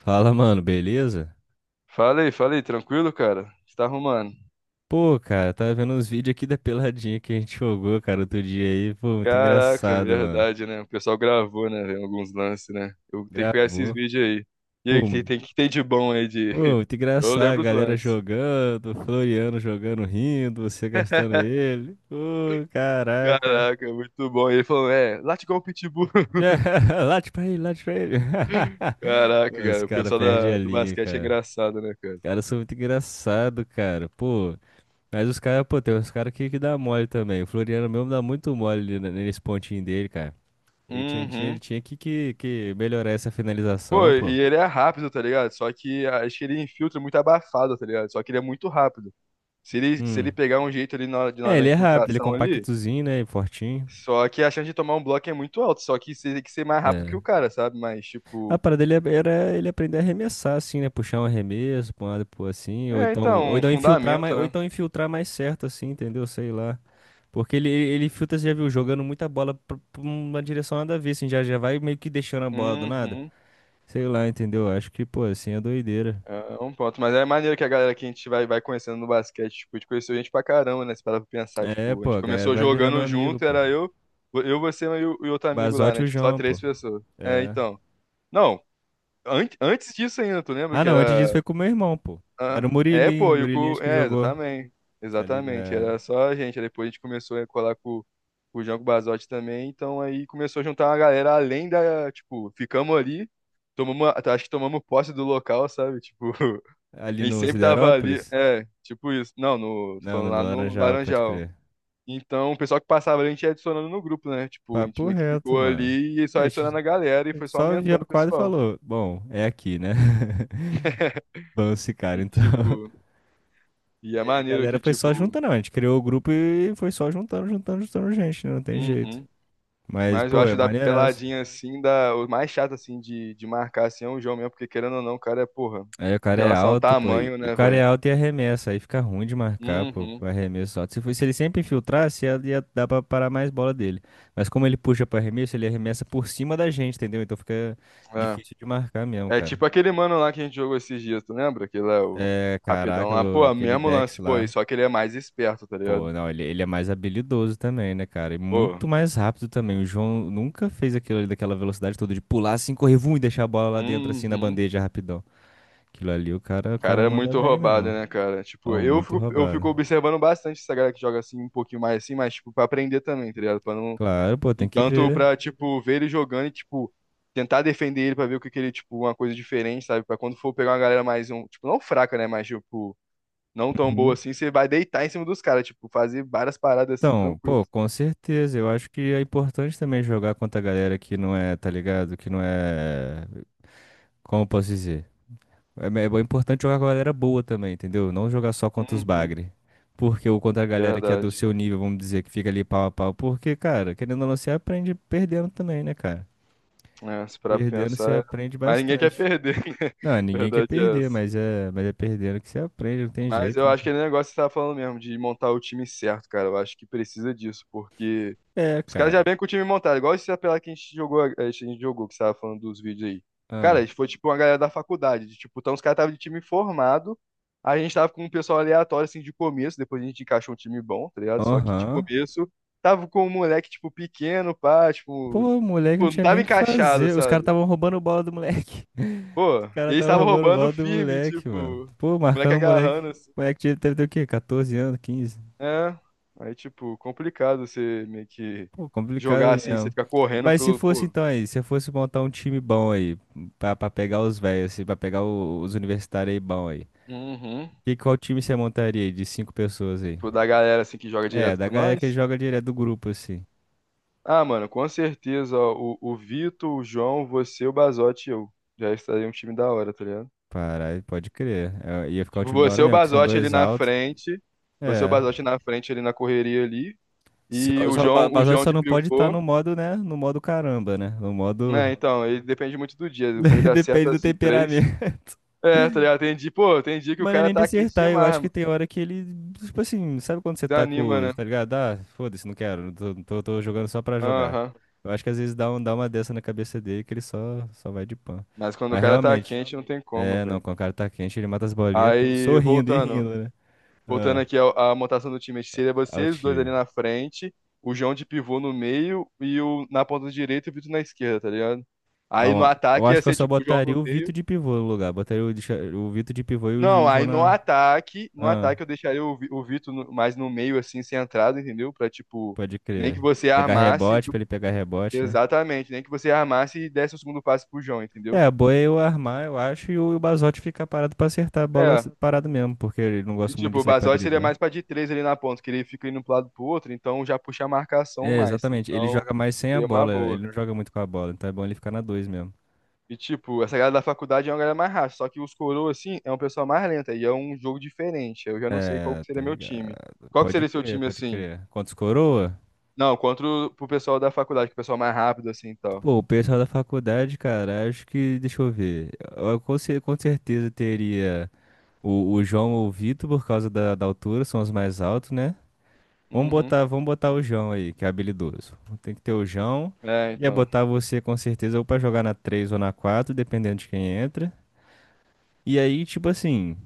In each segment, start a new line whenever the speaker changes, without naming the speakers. Fala, mano, beleza?
Falei, falei, tranquilo, cara? Você tá arrumando?
Pô, cara, tava vendo uns vídeos aqui da peladinha que a gente jogou, cara, outro dia aí. Pô, muito
Caraca,
engraçado, mano.
verdade, né? O pessoal gravou, né, velho, alguns lances, né? Eu tenho que pegar esses
Gravou.
vídeos aí. E
Pô,
aí, o que tem de bom aí de...
pô, muito
Eu
engraçado. A
lembro os
galera
lances.
jogando, o Floriano jogando, rindo, você gastando ele. Pô, caraca.
Caraca, muito bom. E ele falou, late igual o Pitbull.
Late pra ele, late pra ele.
Caraca,
Os
cara, o
caras
pessoal
perdem
da,
a
do
linha,
basquete é
cara.
engraçado, né, cara?
Os caras são muito engraçados, cara. Pô, mas os caras, pô, tem uns caras que dá mole também. O Floriano mesmo dá muito mole nesse pontinho dele, cara. Ele tinha, tinha, ele
Uhum.
tinha que melhorar essa
Pô,
finalização, pô.
e ele é rápido, tá ligado? Só que acho que ele infiltra muito abafado, tá ligado? Só que ele é muito rápido. Se ele
Hum.
pegar um jeito ali na, hora de-
É,
na, na
ele é rápido, ele é
infiltração ali.
compactozinho, né? E fortinho.
Só que a chance de tomar um bloco é muito alta, só que você tem que ser mais rápido que
É.
o cara, sabe? Mas,
A
tipo,
parada dele era ele aprender a arremessar, assim, né? Puxar um arremesso pra um lado, pô, assim. Ou
é,
então, ou
então, um
então infiltrar mais,
fundamento,
ou
né?
então infiltrar mais certo, assim, entendeu? Sei lá. Porque ele filtra, você já viu, jogando muita bola pra uma direção nada a ver, assim, já vai meio que deixando a bola do nada.
Uhum.
Sei lá, entendeu? Acho que, pô, assim é doideira.
É um ponto. Mas é maneiro que a galera que a gente vai conhecendo no basquete, tipo, a gente conheceu gente pra caramba, né? Se parar pra pensar,
É,
tipo, a
pô,
gente
a galera
começou
vai virando
jogando
amigo,
junto,
pô.
era eu, você e e outro amigo lá,
Basote e
né?
o
Tipo, só
João, pô.
três pessoas. É,
É.
então. Não, an antes disso ainda, tu lembra
Ah,
que
não, antes disso
era...
foi com o meu irmão, pô. Era
Ah,
o
é,
Murilinho,
pô, e o
Murilinho
cu...
acho que
É,
jogou,
exatamente.
tá
Exatamente.
ligado?
Era só a gente. Aí depois a gente começou a colar com o Jango Basotti também. Então aí começou a juntar uma galera além da... Tipo, ficamos ali. Acho que tomamos posse do local, sabe? Tipo, a
Ali
gente
no
sempre tava ali.
Siderópolis?
É, tipo isso. Não, tô
Não,
falando
no
lá no
Laranjal, pode
Laranjal.
crer.
Então, o pessoal que passava ali, a gente ia adicionando no grupo, né? Tipo, a gente
Papo
meio que
reto,
ficou
mano.
ali e só
A
adicionando
gente
a galera e
a
foi
gente
só
só viu a
aumentando o
quadra e
pessoal.
falou, bom, é aqui, né? Vamos ficar,
E,
então.
tipo,
E
é
aí a
maneiro
galera
que,
foi
tipo...
só juntando, a gente criou o grupo e foi só juntando, juntando, juntando gente, né? Não tem jeito.
Uhum.
Mas,
Mas eu
pô, é
acho da
maneiraço.
peladinha assim, da, o mais chato assim de marcar assim é o João mesmo, porque querendo ou não, o cara é, porra,
Aí o
em
cara é
relação ao
alto, pô. E
tamanho,
o
né,
cara é
velho?
alto e arremessa. Aí fica ruim de marcar, pô. Pro
Uhum.
arremesso alto. Se ele sempre infiltrasse, ia dar pra parar mais bola dele. Mas como ele puxa pro arremesso, ele arremessa por cima da gente, entendeu? Então fica
É.
difícil de marcar mesmo,
É
cara.
tipo aquele mano lá que a gente jogou esses dias, tu lembra? Aquele é o
É,
rapidão
caraca,
lá. Ah, pô,
aquele
mesmo
Dex
lance, pô, e
lá.
só que ele é mais esperto, tá ligado?
Pô, não, ele é mais habilidoso também, né, cara? E
Pô.
muito mais rápido também. O João nunca fez aquilo ali daquela velocidade toda de pular assim, correr, vum, e deixar a bola lá dentro assim na
Uhum.
bandeja rapidão. Aquilo ali, o cara, o
Cara,
cara
é
manda
muito
bem
roubado,
mesmo.
né, cara? Tipo,
Ó,
eu
muito
fico, eu
roubado.
fico observando bastante essa galera que joga assim, um pouquinho mais assim, mas, tipo, pra aprender também, tá ligado? Pra não...
Claro, pô,
E
tem que
tanto
ver.
pra, tipo, ver ele jogando e, tipo, tentar defender ele pra ver o que que ele, tipo, uma coisa diferente, sabe? Pra quando for pegar uma galera mais, um, tipo, não fraca, né? Mas, tipo, não tão boa
Uhum.
assim, você vai deitar em cima dos caras, tipo, fazer várias paradas assim,
Então,
tranquilos.
pô, com certeza. Eu acho que é importante também jogar contra a galera que não é, tá ligado? Que não é. Como eu posso dizer? É, é importante jogar com a galera boa também, entendeu? Não jogar só contra os
Uhum,
bagre. Porque ou contra a galera que é do
verdade.
seu nível, vamos dizer, que fica ali pau a pau. Porque, cara, querendo ou não, você aprende perdendo também, né, cara?
É, se parar pra
Perdendo você
pensar,
aprende
mas ninguém quer
bastante.
perder.
Não, ninguém quer
Verdade é
perder,
essa.
mas é perdendo que você aprende, não tem
Mas
jeito,
eu
né,
acho que
cara?
é o negócio que você tá falando mesmo, de montar o time certo, cara. Eu acho que precisa disso, porque
É,
os caras já
cara.
vêm com o time montado, igual esse apelado que a gente jogou, que você tava falando dos vídeos aí. Cara, a
Ah.
gente foi tipo uma galera da faculdade, de, tipo, então os caras estavam de time formado, a gente tava com um pessoal aleatório, assim, de começo, depois a gente encaixou um time bom, tá ligado? Só que de
Aham.
começo, tava com um moleque, tipo, pequeno, pá, tipo,
Pô, o moleque não
pô, não
tinha
tava
nem o que
encaixado,
fazer. Os caras
sabe?
estavam roubando bola do moleque.
Pô,
Os caras
eles
estavam
estavam
roubando
roubando
bola do
firme,
moleque,
tipo,
mano.
o
Pô,
moleque
marcando o moleque.
agarrando, assim.
O moleque deve ter o quê? 14 anos, 15?
É, aí, tipo, complicado você meio que
Pô,
jogar
complicado
assim, você
mesmo.
ficar correndo
Mas se
pelo,
fosse
pô.
então aí, se eu fosse montar um time bom aí, pra pegar os velhos, assim, pra pegar os universitários aí bom aí.
Uhum.
E qual time você montaria aí de cinco pessoas aí?
Tipo, da galera assim que joga
É,
direto
da
com
galera que
nós.
joga direto do grupo, assim.
Ah, mano, com certeza, ó, o Vitor, o João, você, o Bazotti e eu. Já estaria um time da hora, tá ligado?
Caralho, pode crer. É, ia ficar um
Tipo,
time da hora
você, o
mesmo, que são
Bazotti ali
dois
na
altos.
frente, você, o
É.
Bazotti na frente ali na correria ali,
Só,
e
só, ba-
O
Basote
João
só
de
não pode estar
Crioufor.
no modo, né? No modo caramba, né? No
Né,
modo.
então, ele depende muito do dia. Quando ele
Depende
acerta
do
as de três.
temperamento.
É, tá ligado? Tem dia, pô, tem dia que o
Mas é
cara
nem de
tá quente
acertar, eu
demais,
acho que
mano.
tem hora que ele. Tipo assim, sabe quando você tá
Desanima,
com.
né?
Tá ligado? Ah, foda-se, não quero. Tô jogando só pra jogar.
Aham.
Eu acho que às vezes dá, dá uma dessa na cabeça dele que ele só vai de pan.
Mas quando o
Mas
cara tá
realmente.
quente, não tem como,
É, não,
velho.
quando o cara tá quente, ele mata as bolinhas, tudo
Aí,
sorrindo e
voltando.
rindo, né?
Voltando
Ah,
aqui à montação do time, acho que seria você, os dois
alto.
ali na frente, o João de pivô no meio e o na ponta direita e o Vitor na esquerda, tá ligado?
Ah,
Aí no
ó, eu
ataque ia
acho que eu
ser
só
tipo o João
botaria
no
o Vitor
meio.
de pivô no lugar. Botaria o Vitor de pivô e o
Não, aí no
Jona.
ataque,
Ah,
eu deixaria o Vitor mais no meio, assim, centrado, entendeu? Pra tipo,
pode
nem que
crer.
você
Pegar
armasse,
rebote pra ele pegar rebote, né?
exatamente, nem que você armasse e desse o segundo passe pro João, entendeu?
É, a boa é eu armar, eu acho, e o Bazotti ficar parado pra acertar a bola
É.
parado mesmo, porque ele não
E
gosta muito
tipo,
de
o
sair pra
Basotti seria
driblar.
mais pra de três ali na ponta, que ele fica indo pro lado pro outro, então já puxa a marcação
É,
mais.
exatamente. Ele
Então,
joga mais sem a
seria uma
bola,
boa.
ele não joga muito com a bola, então é bom ele ficar na dois mesmo.
E, tipo, essa galera da faculdade é uma galera mais rápida, só que os coroa, assim, é um pessoal mais lenta e é um jogo diferente. Eu já não sei qual
É,
que
tá
seria meu
ligado.
time. Qual que
Pode
seria seu
crer,
time,
pode
assim?
crer. Quantos coroa?
Não, contra o pro pessoal da faculdade, que é o pessoal mais rápido, assim, e tal.
Pô, o pessoal da faculdade, cara, acho que, deixa eu ver. Eu com certeza teria. O João ou o Vitor, por causa da altura, são os mais altos, né? Vamos
Uhum.
botar, vamos botar o João aí, que é habilidoso. Tem que ter o João.
É,
Ia
então.
botar você com certeza ou pra jogar na 3 ou na 4 dependendo de quem entra. E aí, tipo assim,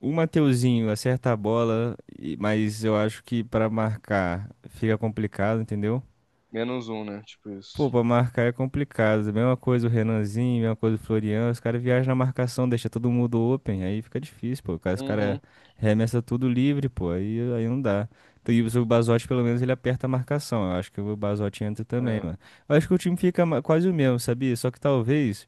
o Mateuzinho acerta a bola, mas eu acho que pra marcar fica complicado, entendeu?
Menos um, né? Tipo isso.
Pô, pra marcar é complicado. Mesma coisa o Renanzinho, mesma coisa o Florian. Os caras viajam na marcação, deixa todo mundo open. Aí fica difícil, pô. Os caras
Uhum.
remessa tudo livre, pô. Aí não dá. Então, e o Bazotti, pelo menos, ele aperta a marcação. Eu acho que o Bazotti entra também,
É.
mano. Eu acho que o time fica quase o mesmo, sabia? Só que talvez.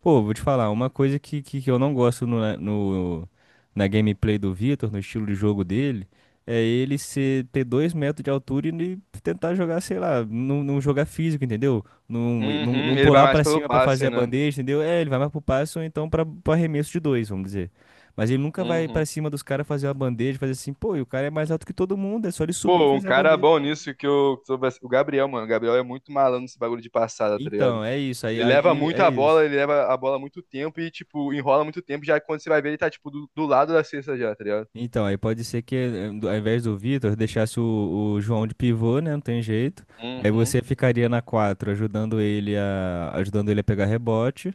Pô, vou te falar, uma coisa que eu não gosto no, na- no, na gameplay do Vitor, no estilo de jogo dele, é ele ter 2 metros de altura e ele tentar jogar, sei lá, não, não jogar físico, entendeu? Não, não,
Uhum.
não
Ele vai
pular
mais
pra
pelo
cima pra fazer
passe,
a
né?
bandeja, entendeu? É, ele vai mais pro passo, ou então pro arremesso de dois, vamos dizer. Mas ele nunca vai
Uhum.
pra cima dos caras fazer uma bandeja, fazer assim, pô, e o cara é mais alto que todo mundo, é só ele subir e
Pô, um
fazer a
cara
bandeja.
bom nisso, O Gabriel, mano. O Gabriel é muito malandro nesse bagulho de passada, tá
Então,
ligado?
é isso, aí,
Ele leva
aí
muito
é
a bola,
isso.
ele leva a bola muito tempo e, tipo, enrola muito tempo. Já quando você vai ver, ele tá, tipo, do lado da cesta já, tá ligado?
Então, aí pode ser que ao invés do Vitor, deixasse o João de pivô, né? Não tem jeito. Aí
Uhum,
você ficaria na 4 ajudando ajudando ele a pegar rebote.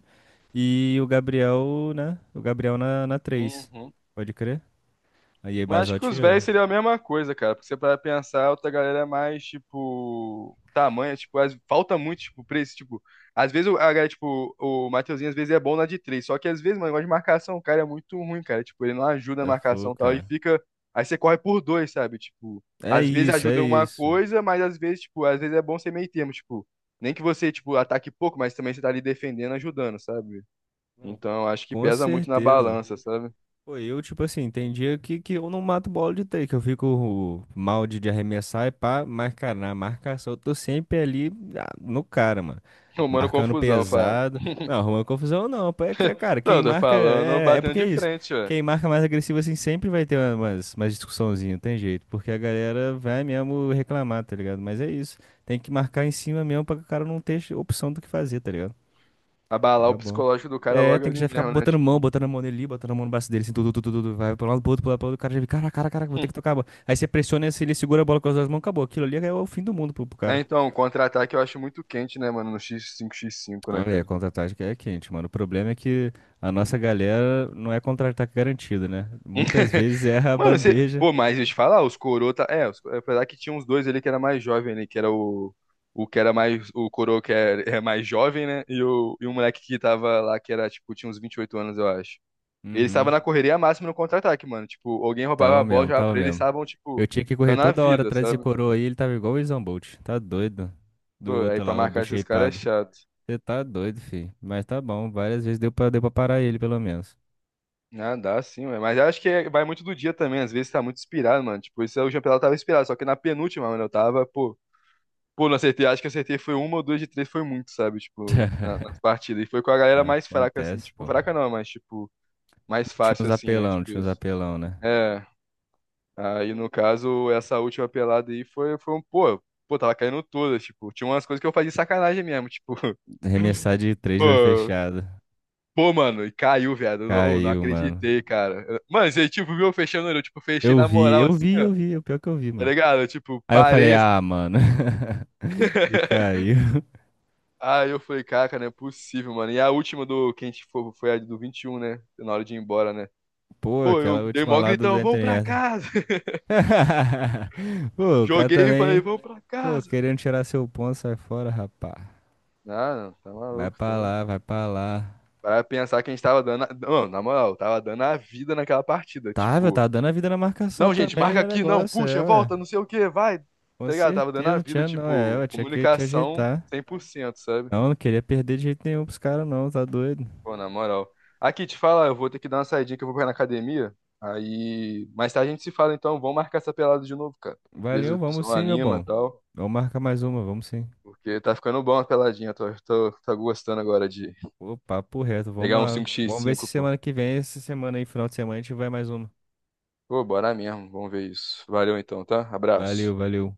E o Gabriel, né? O Gabriel na 3.
uhum.
Pode crer? Aí
Mas acho que com
Basotti e
os
eu.
velhos seria a mesma coisa, cara. Porque você para pensar, a outra galera é mais, tipo, tamanho, tipo, falta muito, tipo, preço, tipo, às vezes a galera, tipo, o Mateuzinho às vezes é bom na de três, só que às vezes, mano, o negócio de marcação, o cara é muito ruim, cara. Tipo, ele não ajuda na
É fogo,
marcação e tal, e
cara.
fica. Aí você corre por dois, sabe? Tipo,
É
às vezes
isso, é
ajuda em uma
isso.
coisa, mas às vezes, tipo, às vezes é bom ser meio termo, tipo, nem que você, tipo, ataque pouco, mas também você tá ali defendendo, ajudando, sabe?
Não,
Então, acho que
com
pesa muito na
certeza.
balança, sabe?
Pô, eu, tipo assim, tem dia que eu não mato bola de três, que eu fico mal de arremessar e pá, mas, cara, na marcação eu tô sempre ali no cara, mano.
Tomando
Marcando
confusão, fala.
pesado. Não, arruma confusão não. Pô, é, que, cara,
Não,
quem
eu tô
marca.
falando
É
batendo
porque
de
é isso.
frente, ué.
Quem marca mais agressivo assim sempre vai ter umas discussãozinha, não tem jeito. Porque a galera vai mesmo reclamar, tá ligado? Mas é isso. Tem que marcar em cima mesmo pra que o cara não ter opção do que fazer, tá ligado?
Abalar o
Tá bom.
psicológico do cara
É,
logo
tem que
ali
já ficar
mesmo, né?
botando mão,
Tipo.
botando a mão nele, ali, botando a mão no braço dele, assim, tudo, tudo, tudo, vai pro lado, pro outro, pro lado, pro outro, o cara já vê, cara, cara, cara, vou ter que tocar a bola. Aí você pressiona, se ele segura a bola com as duas mãos, acabou. Aquilo ali é o fim do mundo pro
É,
cara.
então, contra-ataque eu acho muito quente, né, mano? No x 5x5 né,
Olha, é,
cara?
contra-ataque é quente, mano. O problema é que a nossa galera não é contra-ataque garantido, né? Muitas vezes erra a
Mano, você.
bandeja.
Pô, mas deixa eu te falar, os coroa. Tá... É, os... apesar que tinha uns dois ali que era mais jovem ali, que era o... O que era mais. O coroa que é mais jovem, né? E o moleque que tava lá, que era, tipo, tinha uns 28 anos, eu acho. Ele estava
Uhum.
na correria máxima no contra-ataque, mano. Tipo, alguém roubava
Tava
a bola,
mesmo,
jogava
tava
pra ele, eles
mesmo.
estavam, tipo,
Eu tinha que correr
dando a
toda hora
vida,
atrás desse
sabe?
coroa aí, ele tava igual o Usain Bolt. Tá doido. Do
Pô, aí
outro
pra
lá, o
marcar esses caras é
bucheipado.
chato.
Você tá doido, filho. Mas tá bom, várias vezes deu pra parar ele, pelo menos.
Ah, dá sim, ué. Mas eu acho que vai muito do dia também. Às vezes tá muito inspirado, mano. Tipo, isso é o campeonato eu tava inspirado. Só que na penúltima, mano, eu tava, pô. Pô, não acertei. Acho que acertei foi uma ou duas de três, foi muito, sabe? Tipo, nas partidas. E foi com a galera mais fraca, assim.
Acontece,
Tipo,
pô.
fraca não, mas, tipo, mais
Tinha
fácil,
uns
assim, né?
apelão, não
Tipo
tinha uns
isso.
apelão, né?
É. Aí, no caso, essa última pelada aí foi um, pô. Pô, tava caindo todas, tipo. Tinha umas coisas que eu fazia de sacanagem mesmo, tipo.
Arremessar de três, de olho
Pô,
fechado.
Pô, mano, e caiu, viado. Eu não
Caiu, mano.
acreditei, cara. Mano, você, tipo, viu eu fechando o olho, eu, tipo, fechei
Eu
na
vi,
moral,
eu
assim.
vi, eu vi. É o pior que eu vi,
Tá
mano.
ligado? Eu, tipo,
Aí eu falei,
parei. Assim.
ah, mano. E caiu.
Aí eu falei, caraca, não é possível, mano. E a última do que a gente foi, foi a do 21, né? Na hora de ir embora, né?
Pô,
Pô,
aquela
eu dei
última
mó
lá do
gritão,
da
vamos pra
internet.
casa.
Pô, o cara
Joguei e falei,
também.
vamos pra
Pô,
casa.
querendo tirar seu ponto, sai fora, rapá.
Ah, não, tá
Vai
maluco,
pra
tá?
lá, vai pra lá.
Para pensar que a gente tava dando. Não, na moral, tava dando a vida naquela partida.
Tava,
Tipo,
tá dando a vida na marcação
não, gente,
também,
marca
no
aqui, não,
negócio, é,
puxa,
ué.
volta, não sei o que, vai.
Com
Tá ligado? Tava dando
certeza,
a
não
vida,
tinha não, é,
tipo,
ué, tinha que te
comunicação
ajeitar.
100%, sabe?
Não, não queria perder de jeito nenhum pros caras, não, tá doido.
Pô, na moral. Aqui, te fala eu vou ter que dar uma saidinha que eu vou correr na academia. Aí, mais tarde a gente se fala, então. Vamos marcar essa pelada de novo, cara. Às vezes
Valeu,
o
vamos
pessoal
sim, meu
anima e
bom.
tal.
Vamos marcar mais uma, vamos sim.
Porque tá ficando bom a peladinha. Tô gostando agora de
Pô, papo reto, vamos
pegar um
lá.
cinco x
Vamos ver se
cinco pô.
semana que vem, essa semana aí, final de semana, a gente vai mais uma.
Pô, bora mesmo. Vamos ver isso. Valeu então, tá?
Valeu,
Abraço.
valeu.